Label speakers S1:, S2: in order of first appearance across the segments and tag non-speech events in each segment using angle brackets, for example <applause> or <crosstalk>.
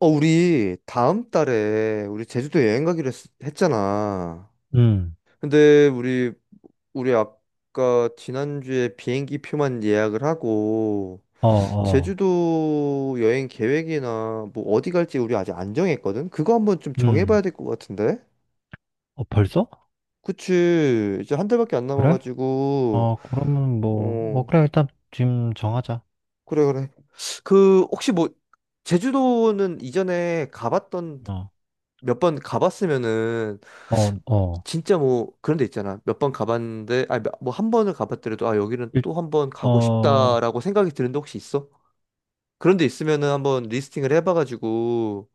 S1: 우리 다음 달에 우리 제주도 여행 가기로 했잖아.
S2: 음.
S1: 근데 우리 아까 지난주에 비행기 표만 예약을 하고
S2: 어. 어.
S1: 제주도 여행 계획이나 뭐 어디 갈지 우리 아직 안 정했거든. 그거 한번 좀
S2: 음.
S1: 정해봐야 될 것 같은데.
S2: 어, 벌써?
S1: 그치. 이제 한 달밖에 안
S2: 그래?
S1: 남아가지고.
S2: 어, 그러면 뭐, 어,
S1: 어,
S2: 그래, 일단 지금 정하자.
S1: 그래 그래. 그 혹시 뭐 제주도는 이전에 가봤던
S2: 어.
S1: 몇 번 가봤으면은
S2: 어. 어.
S1: 진짜 뭐 그런 데 있잖아. 몇 번 가봤는데 아니 뭐 한 번을 가봤더라도 아 여기는
S2: 일,
S1: 또 한 번 가고
S2: 어.
S1: 싶다라고 생각이 드는데 혹시 있어? 그런 데 있으면은 한번 리스팅을 해봐가지고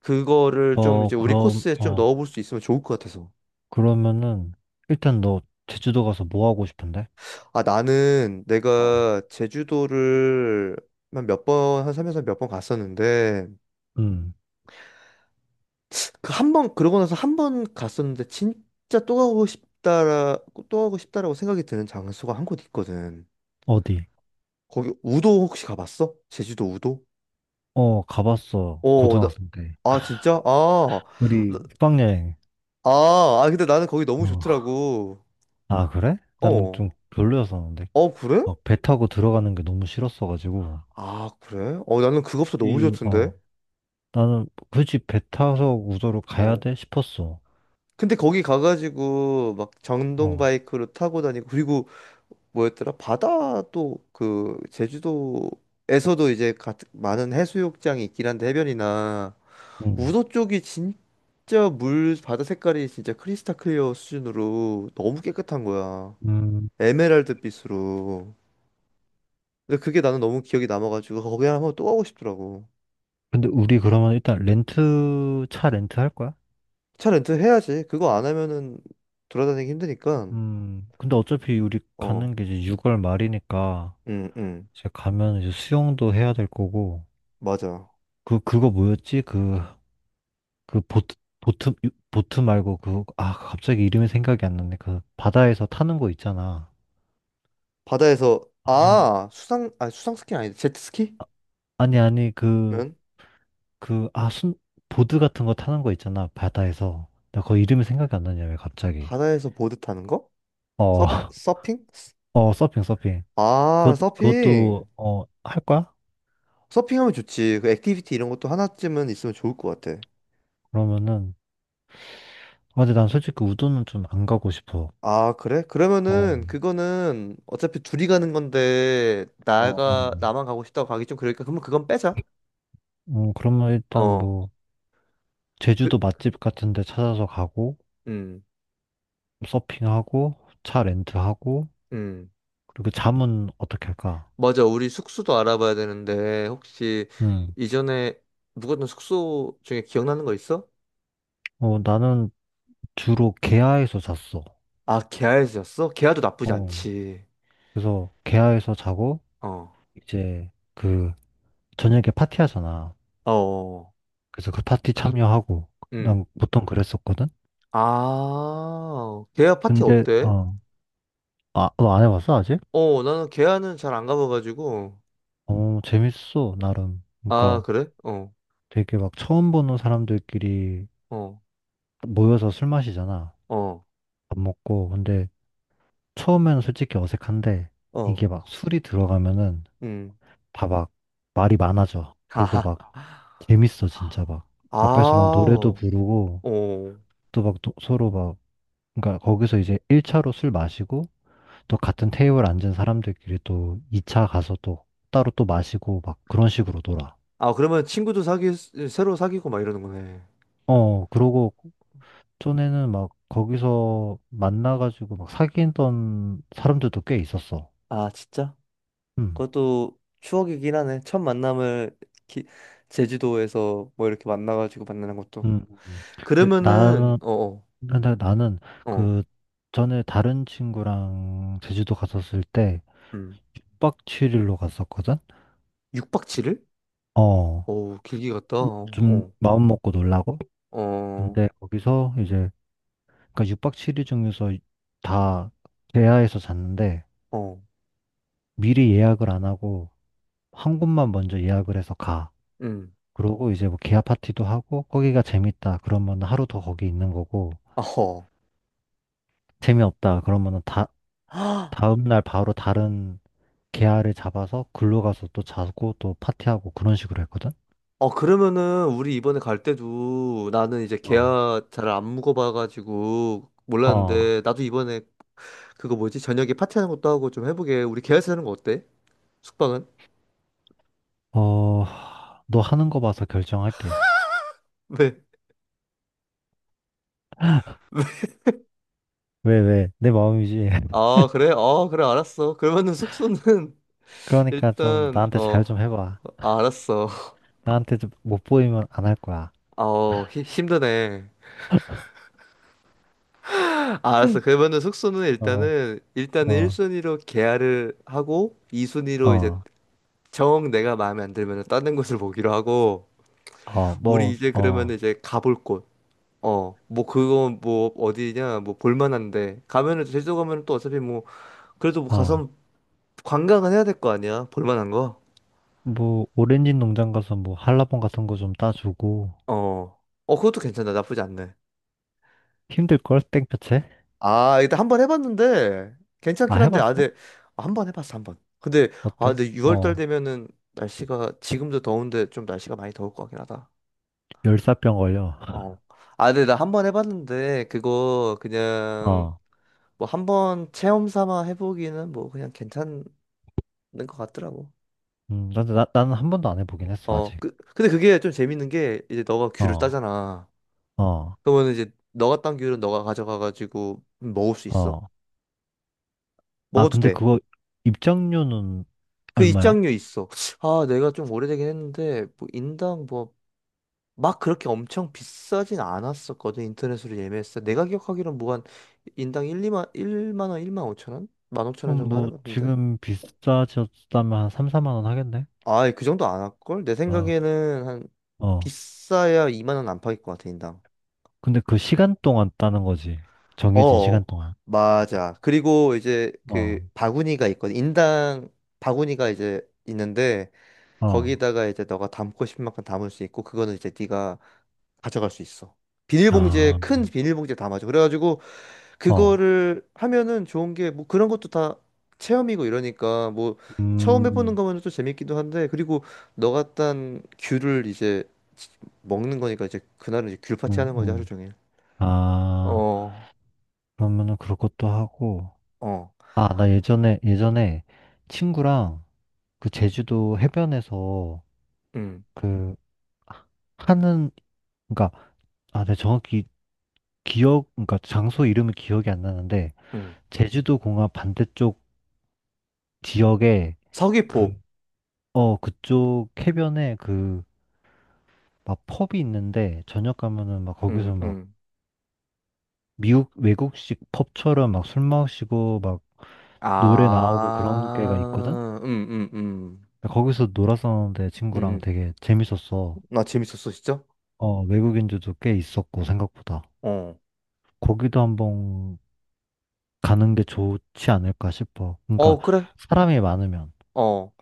S1: 그거를 좀
S2: 어.
S1: 이제 우리
S2: 그럼,
S1: 코스에 좀
S2: 어,
S1: 넣어볼 수 있으면 좋을 것 같아서.
S2: 그러면은, 일단 너 제주도 가서 뭐 하고 싶은데?
S1: 아, 나는
S2: 어.
S1: 내가 제주도를 한 몇 번, 한 3에서 몇 번 갔었는데
S2: 음.
S1: 그 한 번 그러고 나서 한 번 갔었는데 진짜 또 가고 싶다라고 생각이 드는 장소가 한 곳 있거든.
S2: 어디?
S1: 거기 우도 혹시 가봤어? 제주도 우도?
S2: 어, 가봤어,
S1: 어,
S2: 고등학생 때.
S1: 아 진짜? 아, 나-
S2: 우리 국방여행.
S1: 아, 근데 나는 거기 너무
S2: 어.
S1: 좋더라고.
S2: 아, 그래? 나는
S1: 어,
S2: 좀 별로였었는데.
S1: 어 그래?
S2: 어, 배 타고 들어가는 게 너무 싫었어가지고.
S1: 아 그래? 어 나는 그것도 너무 좋던데.
S2: 어, 나는 굳이 배 타서 우도로 가야
S1: 어.
S2: 돼 싶었어.
S1: 근데 거기 가가지고 막 전동
S2: 어.
S1: 바이크로 타고 다니고 그리고 뭐였더라? 바다도 그 제주도에서도 이제 같은 많은 해수욕장이 있긴 한데 해변이나
S2: 음.
S1: 우도 쪽이 진짜 물 바다 색깔이 진짜 크리스탈 클리어 수준으로 너무 깨끗한 거야.
S2: 음.
S1: 에메랄드 빛으로. 근데 그게 나는 너무 기억이 남아가지고 거기 하나 한번 또 가고 싶더라고.
S2: 근데 우리 그러면 일단 차 렌트 할 거야?
S1: 차 렌트 해야지. 그거 안 하면은 돌아다니기 힘드니까.
S2: 음. 근데 어차피 우리
S1: 어,
S2: 가는 게 이제 6월 말이니까
S1: 응, 응,
S2: 이제 가면 이제 수영도 해야 될 거고.
S1: 맞아.
S2: 그거 뭐였지? 그, 그 보트 말고 그, 아, 갑자기 이름이 생각이 안 나네. 그 바다에서 타는 거 있잖아.
S1: 바다에서
S2: 아.
S1: 수상 스키 아니다 제트스키?
S2: 아니, 아니, 그
S1: 면
S2: 그, 아, 순, 보드 같은 거 타는 거 있잖아, 바다에서. 나 그거 이름이 생각이 안 나냐, 왜 갑자기.
S1: 바다에서 보드 타는 거?
S2: 어.
S1: 서
S2: <laughs>
S1: 서핑?
S2: 어, 서핑, 서핑.
S1: 아
S2: 그것도,
S1: 서핑.
S2: 어, 할 거야?
S1: 서핑하면 좋지. 그 액티비티 이런 것도 하나쯤은 있으면 좋을 것 같아.
S2: 그러면은, 아, 근데 난 솔직히 우도는 좀 안 가고 싶어.
S1: 아, 그래?
S2: 어.
S1: 그러면은 그거는 어차피 둘이 가는 건데
S2: 어. 어. 어.
S1: 나가 나만 가고 싶다고 가기 좀 그러니까 그러면 그건 빼자.
S2: 그러면 일단
S1: 어.
S2: 뭐,
S1: 그
S2: 제주도 맛집 같은 데 찾아서 가고,
S1: 음.
S2: 서핑하고, 차 렌트하고,
S1: 음.
S2: 그리고 잠은 어떻게 할까?
S1: 맞아. 우리 숙소도 알아봐야 되는데 혹시
S2: 음.
S1: 이전에 묵었던 숙소 중에 기억나는 거 있어?
S2: 어, 나는 주로 계야에서 잤어.
S1: 아, 계야에서였어? 계야도 나쁘지
S2: 어,
S1: 않지.
S2: 그래서 계야에서 자고,
S1: 어.
S2: 이제 그 저녁에 파티하잖아.
S1: 어.
S2: 그래서 그 파티 참여하고
S1: 음.
S2: 난 보통 그랬었거든.
S1: 아. 계야 파티
S2: 근데
S1: 어때?
S2: 어, 아, 너 안 해봤어 아직?
S1: 어, 나는 계야는 잘 안 가봐가지고.
S2: 어, 재밌어 나름.
S1: 아,
S2: 그러니까
S1: 그래? 어.
S2: 되게 막 처음 보는 사람들끼리
S1: 어.
S2: 모여서 술 마시잖아.
S1: 어.
S2: 밥 먹고. 근데 처음에는 솔직히 어색한데
S1: 어.
S2: 이게 막 술이 들어가면은
S1: 음.
S2: 다 막 말이 많아져. 그리고
S1: 아,
S2: 막
S1: <laughs>
S2: 재밌어 진짜 막
S1: 아,
S2: 앞에서 막 노래도
S1: 어.
S2: 부르고 또 막 서로 막 그러니까 거기서 이제 1차로 술 마시고 또 같은 테이블 앉은 사람들끼리 또 2차 가서 또 따로 또 마시고 막 그런 식으로 놀아.
S1: 아, 그러면 새로 사귀고 막 이러는 거네.
S2: 어, 그러고 전에는 막 거기서 만나가지고 막 사귀던 사람들도 꽤 있었어.
S1: 아, 진짜?
S2: 음.
S1: 그것도 추억이긴 하네. 첫 만남을 기- 제주도에서 뭐 이렇게 만나가지고 만나는 것도.
S2: 음. 음. 근데
S1: 그러면은,
S2: 나는,
S1: 어, 어,
S2: 근데 나는
S1: 어,
S2: 그 전에 다른 친구랑 제주도 갔었을 때
S1: 음.
S2: 6박 7일로 갔었거든?
S1: 6박 7일?
S2: 어,
S1: 오, 길게 갔다. 어,
S2: 좀
S1: 어,
S2: 마음 먹고 놀라고?
S1: 어,
S2: 근데 거기서 이제 그러니까 6박 7일 중에서 다 대하에서 잤는데
S1: 어,
S2: 미리 예약을 안 하고 한 곳만 먼저 예약을 해서 가.
S1: 음.
S2: 그러고 이제 뭐 기아 파티도 하고 거기가 재밌다 그러면 하루 더 거기 있는 거고
S1: <laughs> 어허.
S2: 재미없다 그러면은 다
S1: 아,
S2: 다음 날 바로 다른 계아를 잡아서 글로 가서 또 자고 또 파티하고 그런 식으로 했거든.
S1: 어, 그러면은, 우리 이번에 갈 때도 나는 이제
S2: 어.
S1: 계약 잘 안 묵어봐가지고
S2: 어,
S1: 몰랐는데, 나도 이번에 그거 뭐지? 저녁에 파티하는 것도 하고 좀 해보게. 우리 계약서 하는 거 어때? 숙박은?
S2: 어, 너 하는 거 봐서 결정할게.
S1: 네. <laughs>
S2: 왜, 왜? 내 마음이지. <laughs>
S1: 아, 그래? 아, 그래, 알았어. 그러면은 숙소는 <laughs>
S2: 그러니까 좀
S1: 일단,
S2: 나한테 잘
S1: 어,
S2: 좀 해봐.
S1: 아, 알았어.
S2: 나한테 좀 못 보이면 안 할 거야.
S1: 아, 어, 힘드네. 아, 알았어. 그러면은 숙소는
S2: 어.
S1: 일단은
S2: 어.
S1: 1순위로 계약을 하고, 2순위로 이제
S2: 어.
S1: 정 내가 마음에 안 들면은 다른 곳을 보기로 하고,
S2: 어.
S1: 우리
S2: 뭐,
S1: 이제
S2: 어,
S1: 그러면은 이제 가볼 곳. 어, 뭐 그건 뭐 어디냐, 뭐 볼만한데. 가면은 제주도 가면은 또 어차피 뭐 그래도 뭐
S2: 어,
S1: 가서 관광은 해야 될 거 아니야? 볼만한 거?
S2: 뭐, 오렌지 농장 가서 뭐, 한라봉 같은 거 좀 따주고,
S1: 어. 어, 그것도 괜찮다. 나쁘지 않네.
S2: 힘들걸? 땡볕에?
S1: 아, 일단 한 번 해봤는데
S2: 아,
S1: 괜찮긴 한데 아,
S2: 해봤어?
S1: 근데 한 번 해봤어 한 번. 근데 아,
S2: 어때?
S1: 근데 6월달
S2: 어,
S1: 되면은 날씨가 지금도 더운데 좀 날씨가 많이 더울 것 같긴 하다.
S2: 열사병 걸려.
S1: 어.
S2: <laughs>
S1: 아, 근데 나 한 번 해봤는데 그거 그냥
S2: 어,
S1: 뭐 한 번 체험 삼아 해보기는 뭐 그냥 괜찮은 것 같더라고.
S2: 나는 한 번도 안 해보긴 했어,
S1: 어,
S2: 아직.
S1: 근데 그게 좀 재밌는 게 이제 너가 귤을
S2: 어.
S1: 따잖아.
S2: 어.
S1: 그러면 이제 너가 딴 기울은 너가 가져가가지고 먹을 수 있어.
S2: 어. 아,
S1: 먹어도
S2: 근데
S1: 돼.
S2: 그거 입장료는
S1: 그
S2: 얼마야?
S1: 입장료 있어. 아, 내가 좀 오래되긴 했는데 뭐 인당 뭐 막 그렇게 엄청 비싸진 않았었거든. 인터넷으로 예매했어. 내가 기억하기로는 뭐 한 인당 1, 2만, 일만 원, 1만 5천 원? 1만 5천 원
S2: 그럼
S1: 정도 하는
S2: 뭐,
S1: 것 같은데.
S2: 지금 비싸졌다면 한 3, 4만 원 하겠네?
S1: 아, 그 정도 안 할걸? 내
S2: 어.
S1: 생각에는 한
S2: 어.
S1: 비싸야 2만 원 안팎일 것 같아, 인당.
S2: 근데 그 시간 동안 따는 거지.
S1: 어,
S2: 정해진 시간
S1: 어.
S2: 동안.
S1: 맞아. 그리고 이제
S2: 어.
S1: 그 바구니가 있거든. 인당 바구니가 이제 있는데
S2: 어.
S1: 거기다가 이제 너가 담고 싶은 만큼 담을 수 있고 그거는 이제 네가 가져갈 수 있어. 비닐봉지에
S2: 아.
S1: 큰 비닐봉지에 담아줘. 그래가지고
S2: 어.
S1: 그거를 하면은 좋은 게 뭐 그런 것도 다 체험이고 이러니까 뭐 처음 해보는
S2: 음.
S1: 거면 또 재밌기도 한데 그리고 너가 딴 귤을 이제 먹는 거니까 이제 그날은 이제 귤 파티
S2: 음.
S1: 하는 거지 하루
S2: 음.
S1: 종일.
S2: 아,
S1: 어,
S2: 그러면은 그럴 것도 하고,
S1: 어,
S2: 아, 나 예전에, 예전에 친구랑 그 제주도 해변에서
S1: 음,
S2: 그 하는, 그니까, 아, 내가 정확히 그러니까 장소 이름이 기억이 안 나는데,
S1: 음.
S2: 제주도 공항 반대쪽 지역에 그,
S1: 서귀포.
S2: 어, 그쪽 해변에 그, 막 펍이 있는데, 저녁 가면은 막
S1: 음,
S2: 거기서 막
S1: 음.
S2: 미국 외국식 펍처럼 막 술 마시고 막 노래 나오고 그런 게가 있거든?
S1: 아,
S2: 거기서 놀았었는데
S1: 음,
S2: 친구랑
S1: 음.
S2: 되게 재밌었어.
S1: 나 재밌었어, 진짜?
S2: 어, 외국인들도 꽤 있었고 생각보다.
S1: 어.
S2: 거기도 한번 가는 게 좋지 않을까 싶어. 그러니까
S1: 어, 그래.
S2: 사람이 많으면.
S1: 어.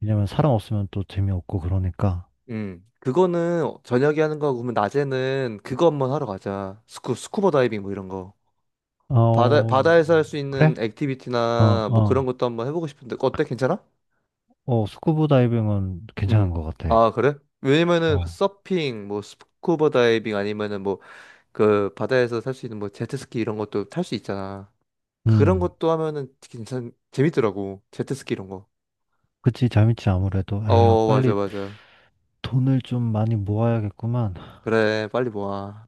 S2: 왜냐면 사람 없으면 또 재미없고 그러니까.
S1: 음. 그거는 저녁에 하는 거고, 그러면 낮에는 그거 한번 하러 가자. 스쿠버 다이빙 뭐 이런 거. 바다,
S2: 어,
S1: 바다에서 할 수
S2: 그래?
S1: 있는
S2: 어.
S1: 액티비티나 뭐 그런
S2: 어.
S1: 것도 한번 해보고 싶은데, 어때? 괜찮아?
S2: 어, 스쿠버 다이빙은 괜찮은
S1: 음.
S2: 것 같아.
S1: 아, 그래? 왜냐면은 그
S2: 어.
S1: 서핑, 뭐 스쿠버 다이빙 아니면은 뭐 그 바다에서 탈 수 있는 뭐 제트스키 이런 것도 탈 수 있잖아. 그런
S2: 음.
S1: 것도 하면은 재밌더라고. 제트스키 이런 거.
S2: 그치, 재밌지, 아무래도. 에휴,
S1: 어, 맞아,
S2: 빨리.
S1: 맞아.
S2: 돈을 좀 많이 모아야겠구만.
S1: 그래, 빨리 모아.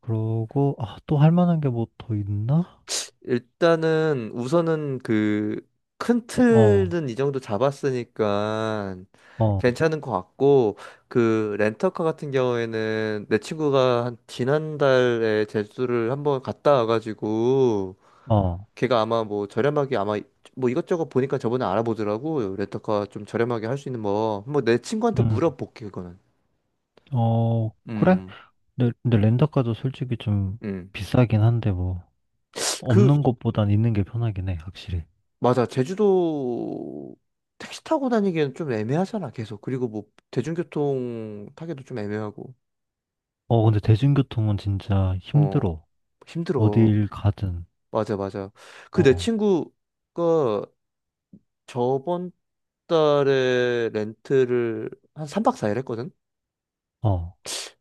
S2: 그러고, 아, 또 할 만한 게 뭐 더 있나?
S1: 일단은 우선은 그 큰
S2: 어.
S1: 틀은 이 정도 잡았으니까
S2: 어.
S1: 괜찮은 것 같고 그 렌터카 같은 경우에는 내 친구가 한 지난달에 제주를 한번 갔다 와가지고
S2: 어.
S1: 걔가 아마 뭐 저렴하게 아마 뭐 이것저것 보니까 저번에 알아보더라고 렌터카 좀 저렴하게 할 수 있는 뭐 한번 내 친구한테
S2: 음.
S1: 물어볼게 그거는.
S2: 어, 그래?
S1: 음.
S2: 근데 렌터카도 솔직히 좀
S1: 음그
S2: 비싸긴 한데 뭐, 없는 것보단 있는 게 편하긴 해, 확실히.
S1: 맞아. 제주도 택시 타고 다니기에는 좀 애매하잖아, 계속. 그리고 뭐 대중교통 타기도 좀 애매하고.
S2: 어, 근데 대중교통은 진짜
S1: 어,
S2: 힘들어.
S1: 힘들어.
S2: 어딜 가든.
S1: 맞아, 맞아. 그 내
S2: 어.
S1: 친구가 저번 달에 렌트를 한 3박 4일 했거든.
S2: 어.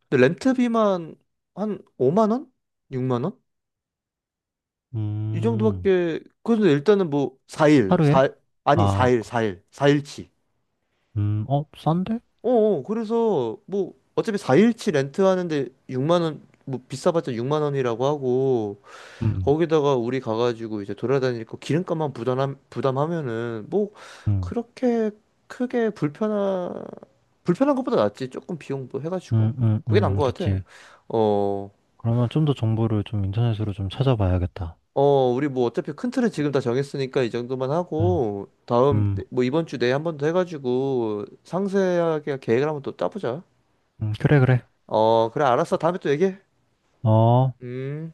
S1: 근데 렌트비만 한 5만 원? 6만 원? 이
S2: 음.
S1: 정도밖에. 그래서 일단은 뭐 4일,
S2: 하루에?
S1: 사 아니
S2: 아,
S1: 4일, 4일치.
S2: 어, 싼데?
S1: 어, 어, 그래서 뭐 어차피 4일치 렌트하는데 6만 원, 뭐 비싸봤자 6만 원이라고 하고
S2: 음.
S1: 거기다가 우리 가가지고 이제 돌아다니고 기름값만 부담하면은 뭐
S2: 음.
S1: 그렇게 크게 불편한 것보다 낫지 조금 비용도 해가지고
S2: 음. 음.
S1: 그게 나은
S2: 음.
S1: 것 같아.
S2: 그치.
S1: 어,
S2: 그러면 좀 더 정보를 좀 인터넷으로 좀 찾아봐야겠다.
S1: 어, 우리 뭐 어차피 큰 틀은 지금 다 정했으니까 이 정도만
S2: 어,
S1: 하고 다음
S2: 음,
S1: 네, 뭐 이번 주 내에 한 번 더 해가지고 상세하게 계획을 한번 또 짜보자.
S2: 그래, 그래.
S1: 어, 그래 알았어 다음에 또 얘기해.
S2: 어.
S1: 음.